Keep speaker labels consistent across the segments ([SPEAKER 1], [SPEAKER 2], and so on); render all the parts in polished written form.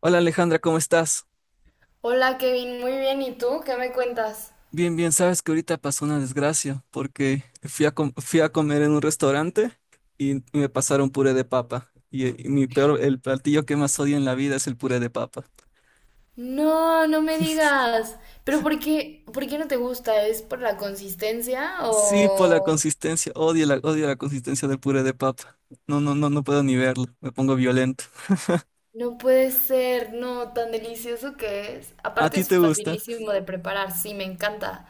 [SPEAKER 1] Hola Alejandra, ¿cómo estás?
[SPEAKER 2] Hola Kevin, muy bien. ¿Y tú? ¿Qué me cuentas?
[SPEAKER 1] Bien, bien, sabes que ahorita pasó una desgracia porque fui a comer en un restaurante y me pasaron puré de papa. Y mi peor, el platillo que más odio en la vida es el puré de papa.
[SPEAKER 2] No, no me digas. ¿Pero por qué no te gusta? ¿Es por la consistencia
[SPEAKER 1] Sí, por la
[SPEAKER 2] o...?
[SPEAKER 1] consistencia, odio la consistencia del puré de papa. No, no, no, no puedo ni verlo, me pongo violento.
[SPEAKER 2] No puede ser, no, tan delicioso que es.
[SPEAKER 1] ¿A
[SPEAKER 2] Aparte
[SPEAKER 1] ti
[SPEAKER 2] es
[SPEAKER 1] te gusta?
[SPEAKER 2] facilísimo de preparar, sí, me encanta.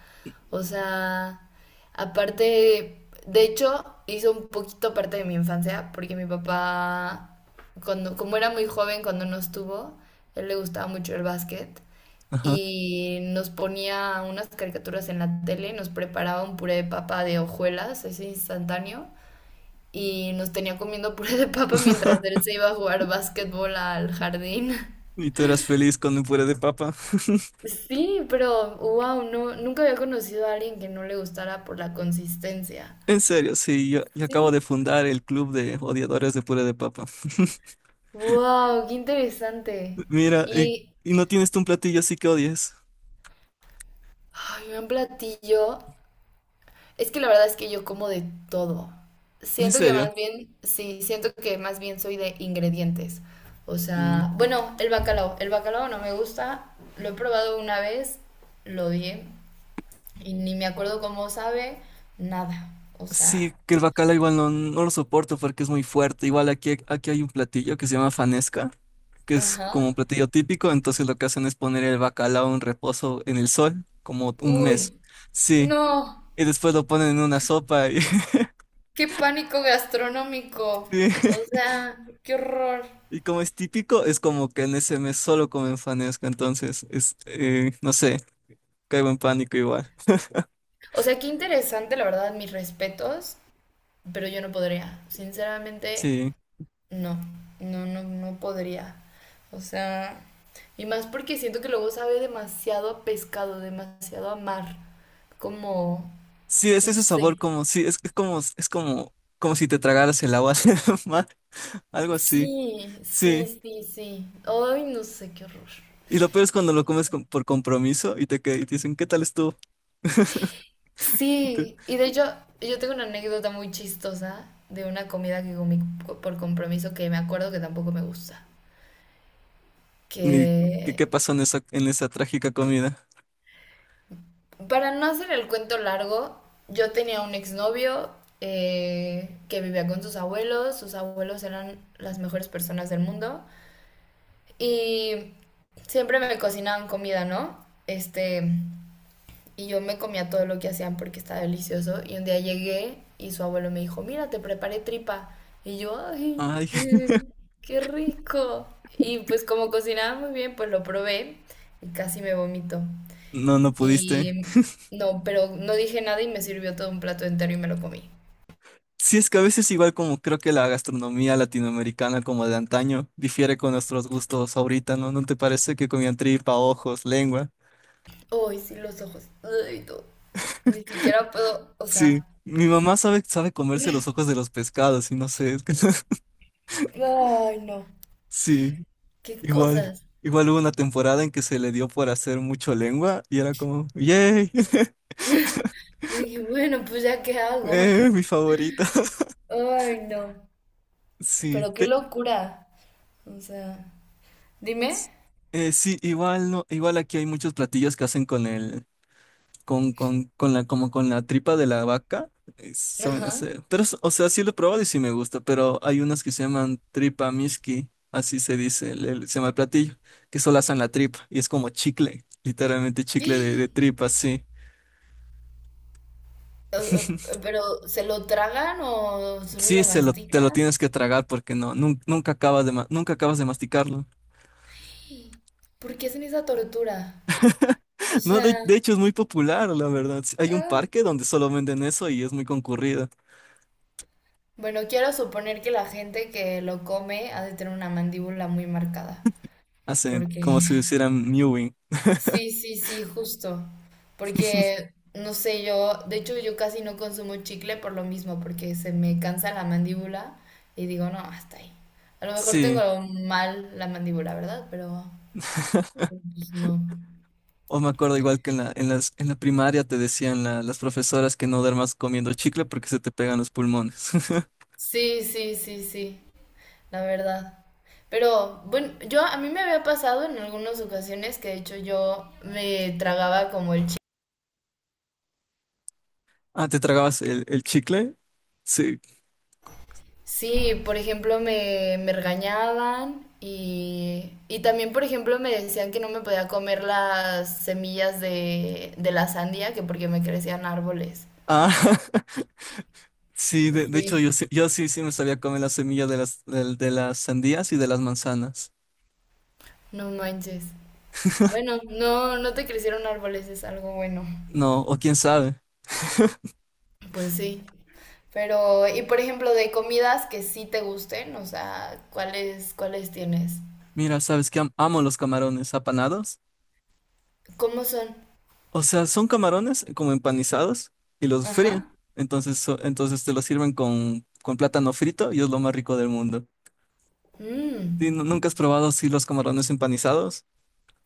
[SPEAKER 2] O sea, aparte, de hecho, hizo un poquito parte de mi infancia, porque mi papá, cuando, como era muy joven, cuando nos tuvo, él le gustaba mucho el básquet
[SPEAKER 1] Ajá.
[SPEAKER 2] y nos ponía unas caricaturas en la tele y nos preparaba un puré de papa de hojuelas, ese instantáneo, y nos tenía comiendo puré de papa mientras él se iba a jugar básquetbol al jardín.
[SPEAKER 1] ¿Y tú eras feliz con el puré de papa?
[SPEAKER 2] Sí, pero wow, no, nunca había conocido a alguien que no le gustara por la consistencia.
[SPEAKER 1] En serio, sí, yo acabo de
[SPEAKER 2] Sí.
[SPEAKER 1] fundar el club de odiadores de puré de papa.
[SPEAKER 2] Wow, qué interesante.
[SPEAKER 1] Mira, y,
[SPEAKER 2] Y
[SPEAKER 1] y no tienes tú un platillo así que odies.
[SPEAKER 2] ay, un platillo. Es que la verdad es que yo como de todo.
[SPEAKER 1] ¿En
[SPEAKER 2] Siento que
[SPEAKER 1] serio?
[SPEAKER 2] más bien, sí, siento que más bien soy de ingredientes. O
[SPEAKER 1] Mm,
[SPEAKER 2] sea, bueno, el bacalao. El bacalao no me gusta. Lo he probado una vez, lo odié. Y ni me acuerdo cómo sabe nada. O sea,
[SPEAKER 1] sí, que el bacala igual no, no lo soporto porque es muy fuerte. Aquí hay un platillo que se llama fanesca, que es como un
[SPEAKER 2] ajá.
[SPEAKER 1] platillo típico. Entonces lo que hacen es poner el bacalao en reposo en el sol, como un mes.
[SPEAKER 2] Uy,
[SPEAKER 1] Sí,
[SPEAKER 2] no,
[SPEAKER 1] y después lo ponen en una sopa. Y,
[SPEAKER 2] qué pánico gastronómico.
[SPEAKER 1] sí.
[SPEAKER 2] O sea, qué horror.
[SPEAKER 1] Y como es típico, es como que en ese mes solo comen fanesca. Entonces, no sé, caigo en pánico igual.
[SPEAKER 2] O sea, qué interesante, la verdad, mis respetos, pero yo no podría. Sinceramente,
[SPEAKER 1] Sí.
[SPEAKER 2] no, no, no, no podría. O sea, y más porque siento que luego sabe demasiado a pescado, demasiado a mar. Como,
[SPEAKER 1] Sí, es
[SPEAKER 2] no
[SPEAKER 1] ese sabor
[SPEAKER 2] sé.
[SPEAKER 1] como es como como si te tragaras el agua del mar, algo así.
[SPEAKER 2] Sí, sí,
[SPEAKER 1] Sí.
[SPEAKER 2] sí, sí. Ay, no sé, qué horror.
[SPEAKER 1] Y lo peor es cuando lo por compromiso y te dicen, ¿qué tal estuvo? Y tú,
[SPEAKER 2] Sí, y de hecho, yo tengo una anécdota muy chistosa de una comida que comí por compromiso que me acuerdo que tampoco me gusta.
[SPEAKER 1] "Ni-
[SPEAKER 2] Que,
[SPEAKER 1] qué pasó en en esa trágica comida?
[SPEAKER 2] para no hacer el cuento largo, yo tenía un exnovio que vivía con sus abuelos. Sus abuelos eran las mejores personas del mundo. Y siempre me cocinaban comida, ¿no? Este. Y yo me comía todo lo que hacían porque estaba delicioso. Y un día llegué y su abuelo me dijo, mira, te preparé tripa. Y yo, ay,
[SPEAKER 1] Ay,
[SPEAKER 2] eh, qué rico. Y pues como cocinaba muy bien, pues lo probé y casi me vomito.
[SPEAKER 1] no, no pudiste.
[SPEAKER 2] Y no, pero no dije nada y me sirvió todo un plato entero y me lo comí.
[SPEAKER 1] Sí, es que a veces igual como creo que la gastronomía latinoamericana como de antaño difiere con nuestros gustos ahorita, ¿no? ¿No te parece que comían tripa, ojos, lengua?
[SPEAKER 2] Ay, sí, los ojos. Ay, no. Ni siquiera puedo, o
[SPEAKER 1] Sí.
[SPEAKER 2] sea,
[SPEAKER 1] Mi mamá sabe comerse los ojos de los pescados y no sé, es que
[SPEAKER 2] ay, no.
[SPEAKER 1] sí.
[SPEAKER 2] Qué
[SPEAKER 1] Igual,
[SPEAKER 2] cosas.
[SPEAKER 1] igual hubo una temporada en que se le dio por hacer mucho lengua y era como, ¡yay!
[SPEAKER 2] Dije, bueno, pues ya qué hago.
[SPEAKER 1] Mi favorita.
[SPEAKER 2] Ay, no.
[SPEAKER 1] Sí,
[SPEAKER 2] Pero qué
[SPEAKER 1] te-
[SPEAKER 2] locura. O sea, dime.
[SPEAKER 1] s- sí, igual no, igual aquí hay muchos platillos que hacen con la, como con la tripa de la vaca, saben
[SPEAKER 2] Ajá.
[SPEAKER 1] hacer. Pero, sí lo he probado y sí me gusta, pero hay unas que se llaman tripa miski, así se dice, se llama el platillo, que solo hacen la tripa y es como chicle, literalmente chicle
[SPEAKER 2] Eh,
[SPEAKER 1] de tripa, sí.
[SPEAKER 2] pero, ¿se lo tragan o solo
[SPEAKER 1] Sí,
[SPEAKER 2] lo
[SPEAKER 1] te lo
[SPEAKER 2] mastican?
[SPEAKER 1] tienes que tragar porque no, nunca acabas nunca acabas de masticarlo.
[SPEAKER 2] ¿Por qué hacen esa tortura? O
[SPEAKER 1] No,
[SPEAKER 2] sea,
[SPEAKER 1] de hecho es muy popular, la verdad. Sí, hay un
[SPEAKER 2] ah,
[SPEAKER 1] parque donde solo venden eso y es muy concurrido.
[SPEAKER 2] bueno, quiero suponer que la gente que lo come ha de tener una mandíbula muy marcada.
[SPEAKER 1] Hacen
[SPEAKER 2] Porque,
[SPEAKER 1] como si hicieran mewing.
[SPEAKER 2] sí, sí, sí, justo. Porque, no sé, yo, de hecho, yo casi no consumo chicle por lo mismo, porque se me cansa la mandíbula y digo, no, hasta ahí. A lo mejor
[SPEAKER 1] Sí,
[SPEAKER 2] tengo mal la mandíbula, ¿verdad? Pero... pues no.
[SPEAKER 1] o me acuerdo igual que en la primaria te decían las profesoras que no duermas comiendo chicle porque se te pegan los pulmones.
[SPEAKER 2] Sí, sí, sí, sí, la verdad. Pero bueno, yo a mí me había pasado en algunas ocasiones que de hecho yo me tragaba como el chi.
[SPEAKER 1] Ah, ¿te tragabas el chicle? Sí.
[SPEAKER 2] Sí, por ejemplo, me regañaban y también, por ejemplo, me decían que no me podía comer las semillas de la sandía, que porque me crecían árboles.
[SPEAKER 1] Ah, sí, de hecho yo,
[SPEAKER 2] Sí,
[SPEAKER 1] sí me sabía comer la semilla de de las sandías y de las manzanas.
[SPEAKER 2] no manches. Bueno, no, no te crecieron árboles, es algo bueno.
[SPEAKER 1] No, o quién sabe.
[SPEAKER 2] Pues sí. Pero, y por ejemplo, de comidas que sí te gusten, o sea, ¿cuáles tienes?
[SPEAKER 1] Mira, sabes que amo los camarones apanados.
[SPEAKER 2] ¿Cómo son?
[SPEAKER 1] O sea, son camarones como empanizados y los fríen.
[SPEAKER 2] Ajá.
[SPEAKER 1] Entonces te los sirven con plátano frito y es lo más rico del mundo.
[SPEAKER 2] Mm.
[SPEAKER 1] Sí, ¿nunca has probado sí, los camarones empanizados?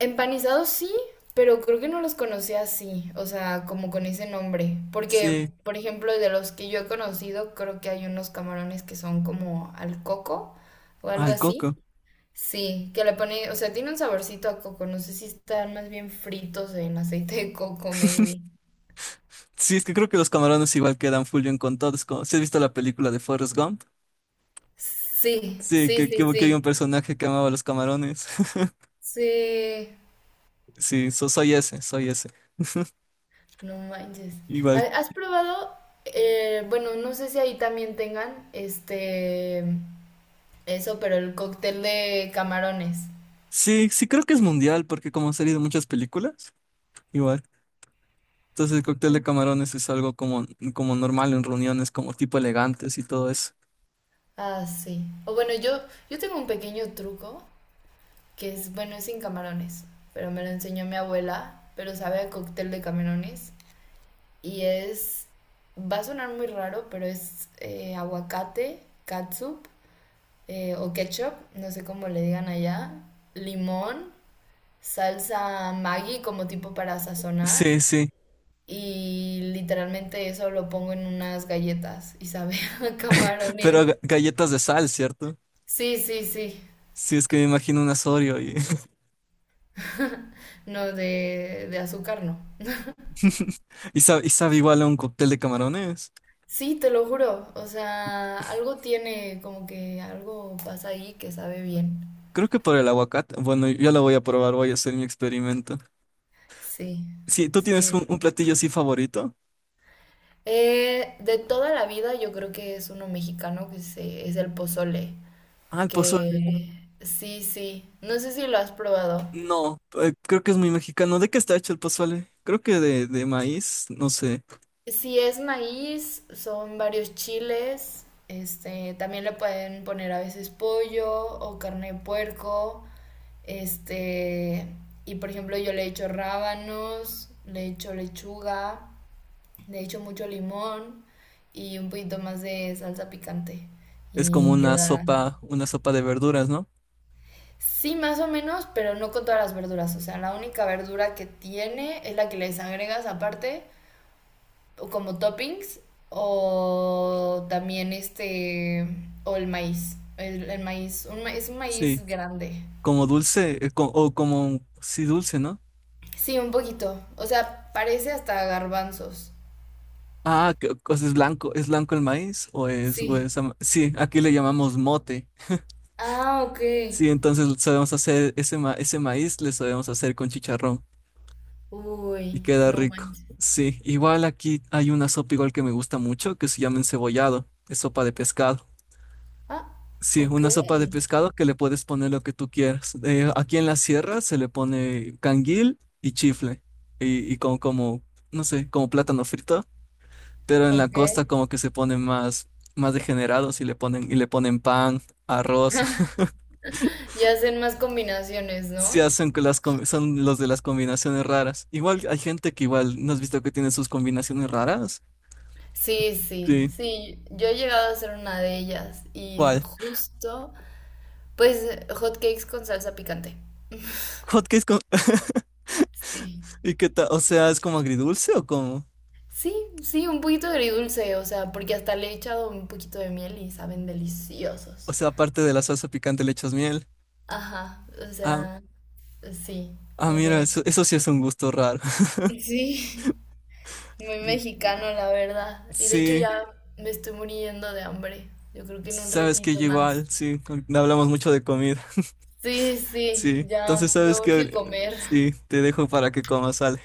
[SPEAKER 2] Empanizados sí, pero creo que no los conocía así, o sea, como con ese nombre. Porque,
[SPEAKER 1] Sí,
[SPEAKER 2] por ejemplo, de los que yo he conocido, creo que hay unos camarones que son como al coco o algo
[SPEAKER 1] al
[SPEAKER 2] así.
[SPEAKER 1] coco.
[SPEAKER 2] Sí, que le pone, o sea, tiene un saborcito a coco, no sé si están más bien fritos en aceite de coco, maybe.
[SPEAKER 1] Sí, es que creo que los camarones igual quedan full bien con todos. ¿Sí has visto la película de Forrest Gump?
[SPEAKER 2] Sí,
[SPEAKER 1] Sí,
[SPEAKER 2] sí,
[SPEAKER 1] que,
[SPEAKER 2] sí,
[SPEAKER 1] que había un
[SPEAKER 2] sí.
[SPEAKER 1] personaje que amaba los camarones.
[SPEAKER 2] Sí,
[SPEAKER 1] Sí, soy ese.
[SPEAKER 2] no manches.
[SPEAKER 1] Igual.
[SPEAKER 2] ¿Has probado bueno, no sé si ahí también tengan este eso, pero el cóctel de camarones?
[SPEAKER 1] Sí, sí creo que es mundial porque como han salido muchas películas. Igual. Entonces el cóctel de
[SPEAKER 2] Mm.
[SPEAKER 1] camarones es algo como, como normal en reuniones, como tipo elegantes y todo eso.
[SPEAKER 2] Ah, sí. O bueno, yo tengo un pequeño truco que es, bueno, es sin camarones, pero me lo enseñó mi abuela, pero sabe a cóctel de camarones. Y es, va a sonar muy raro, pero es aguacate, catsup, o ketchup, no sé cómo le digan allá, limón, salsa Maggi como tipo para sazonar,
[SPEAKER 1] Sí, sí,
[SPEAKER 2] y literalmente eso lo pongo en unas galletas y sabe a camarones.
[SPEAKER 1] pero galletas de sal, ¿cierto?
[SPEAKER 2] Sí, sí, sí.
[SPEAKER 1] Sí, es que me imagino un asorio y,
[SPEAKER 2] No, de azúcar no.
[SPEAKER 1] y sabe igual a un cóctel de camarones.
[SPEAKER 2] Sí, te lo juro. O sea, algo tiene, como que algo pasa ahí que sabe bien.
[SPEAKER 1] Creo que por el aguacate. Bueno, yo la voy a probar, voy a hacer mi experimento.
[SPEAKER 2] Sí,
[SPEAKER 1] Sí, ¿tú tienes
[SPEAKER 2] sí.
[SPEAKER 1] un platillo así favorito?
[SPEAKER 2] De toda la vida yo creo que es uno mexicano que se, es el pozole.
[SPEAKER 1] Ah, el pozole.
[SPEAKER 2] Que sí, sí. No sé si lo has probado.
[SPEAKER 1] No, creo que es muy mexicano. ¿De qué está hecho el pozole? Creo que de maíz, no sé.
[SPEAKER 2] Si es maíz, son varios chiles. Este, también le pueden poner a veces pollo o carne de puerco. Este, y por ejemplo, yo le echo rábanos, le echo lechuga, le echo mucho limón y un poquito más de salsa picante.
[SPEAKER 1] Es como
[SPEAKER 2] Y queda,
[SPEAKER 1] una sopa de verduras, ¿no?
[SPEAKER 2] sí, más o menos, pero no con todas las verduras. O sea, la única verdura que tiene es la que les agregas aparte o como toppings o también este, o el maíz, un es un
[SPEAKER 1] Sí.
[SPEAKER 2] maíz grande.
[SPEAKER 1] Como dulce, sí, dulce, ¿no?
[SPEAKER 2] Sí, un poquito, o sea, parece hasta garbanzos.
[SPEAKER 1] Ah, pues ¿es blanco el maíz? ¿O o
[SPEAKER 2] Sí.
[SPEAKER 1] es ama- Sí, aquí le llamamos mote.
[SPEAKER 2] Ah, ok.
[SPEAKER 1] Sí, entonces sabemos hacer ese maíz, le sabemos hacer con chicharrón y
[SPEAKER 2] Uy,
[SPEAKER 1] queda
[SPEAKER 2] no
[SPEAKER 1] rico.
[SPEAKER 2] manches.
[SPEAKER 1] Sí, igual aquí hay una sopa igual que me gusta mucho que se llama encebollado, es sopa de pescado.
[SPEAKER 2] Ah,
[SPEAKER 1] Sí,
[SPEAKER 2] ok.
[SPEAKER 1] una sopa de pescado que le puedes poner lo que tú quieras. Aquí en la sierra se le pone canguil y chifle y no sé, como plátano frito. Pero en la costa
[SPEAKER 2] Ok.
[SPEAKER 1] como que se ponen más, más degenerados y le ponen pan, arroz,
[SPEAKER 2] Y hacen más combinaciones,
[SPEAKER 1] se
[SPEAKER 2] ¿no?
[SPEAKER 1] hacen que las, son los de las combinaciones raras. Igual hay gente que igual, ¿no has visto que tiene sus combinaciones raras?
[SPEAKER 2] Sí, sí,
[SPEAKER 1] Sí.
[SPEAKER 2] sí. Yo he llegado a hacer una de ellas y
[SPEAKER 1] ¿Cuál?
[SPEAKER 2] justo, pues, hot cakes con salsa picante.
[SPEAKER 1] Hotcakes con...
[SPEAKER 2] Sí.
[SPEAKER 1] ¿Y qué tal? O sea, ¿es como agridulce o como?
[SPEAKER 2] Sí, sí, un poquito agridulce, o sea, porque hasta le he echado un poquito de miel y saben
[SPEAKER 1] O
[SPEAKER 2] deliciosos.
[SPEAKER 1] sea, aparte de la salsa picante le echas miel.
[SPEAKER 2] Ajá, o
[SPEAKER 1] Ah,
[SPEAKER 2] sea, sí,
[SPEAKER 1] ah,
[SPEAKER 2] como
[SPEAKER 1] mira,
[SPEAKER 2] que...
[SPEAKER 1] eso sí es un gusto raro.
[SPEAKER 2] Sí, muy mexicano, la verdad. Y de hecho
[SPEAKER 1] Sí,
[SPEAKER 2] ya me estoy muriendo de hambre. Yo creo que en un
[SPEAKER 1] sabes que
[SPEAKER 2] ratito
[SPEAKER 1] yo
[SPEAKER 2] más.
[SPEAKER 1] igual, sí, hablamos mucho de comida.
[SPEAKER 2] Sí, sí,
[SPEAKER 1] Sí, entonces
[SPEAKER 2] ya me
[SPEAKER 1] sabes
[SPEAKER 2] urge
[SPEAKER 1] que...
[SPEAKER 2] comer.
[SPEAKER 1] Sí, te dejo para que comas algo.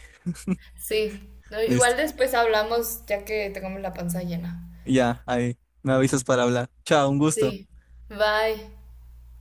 [SPEAKER 2] Sí, no,
[SPEAKER 1] Listo.
[SPEAKER 2] igual después hablamos ya que tengamos la panza llena.
[SPEAKER 1] Ya, ahí. Me avisas para hablar. Chao, un gusto.
[SPEAKER 2] Sí, bye.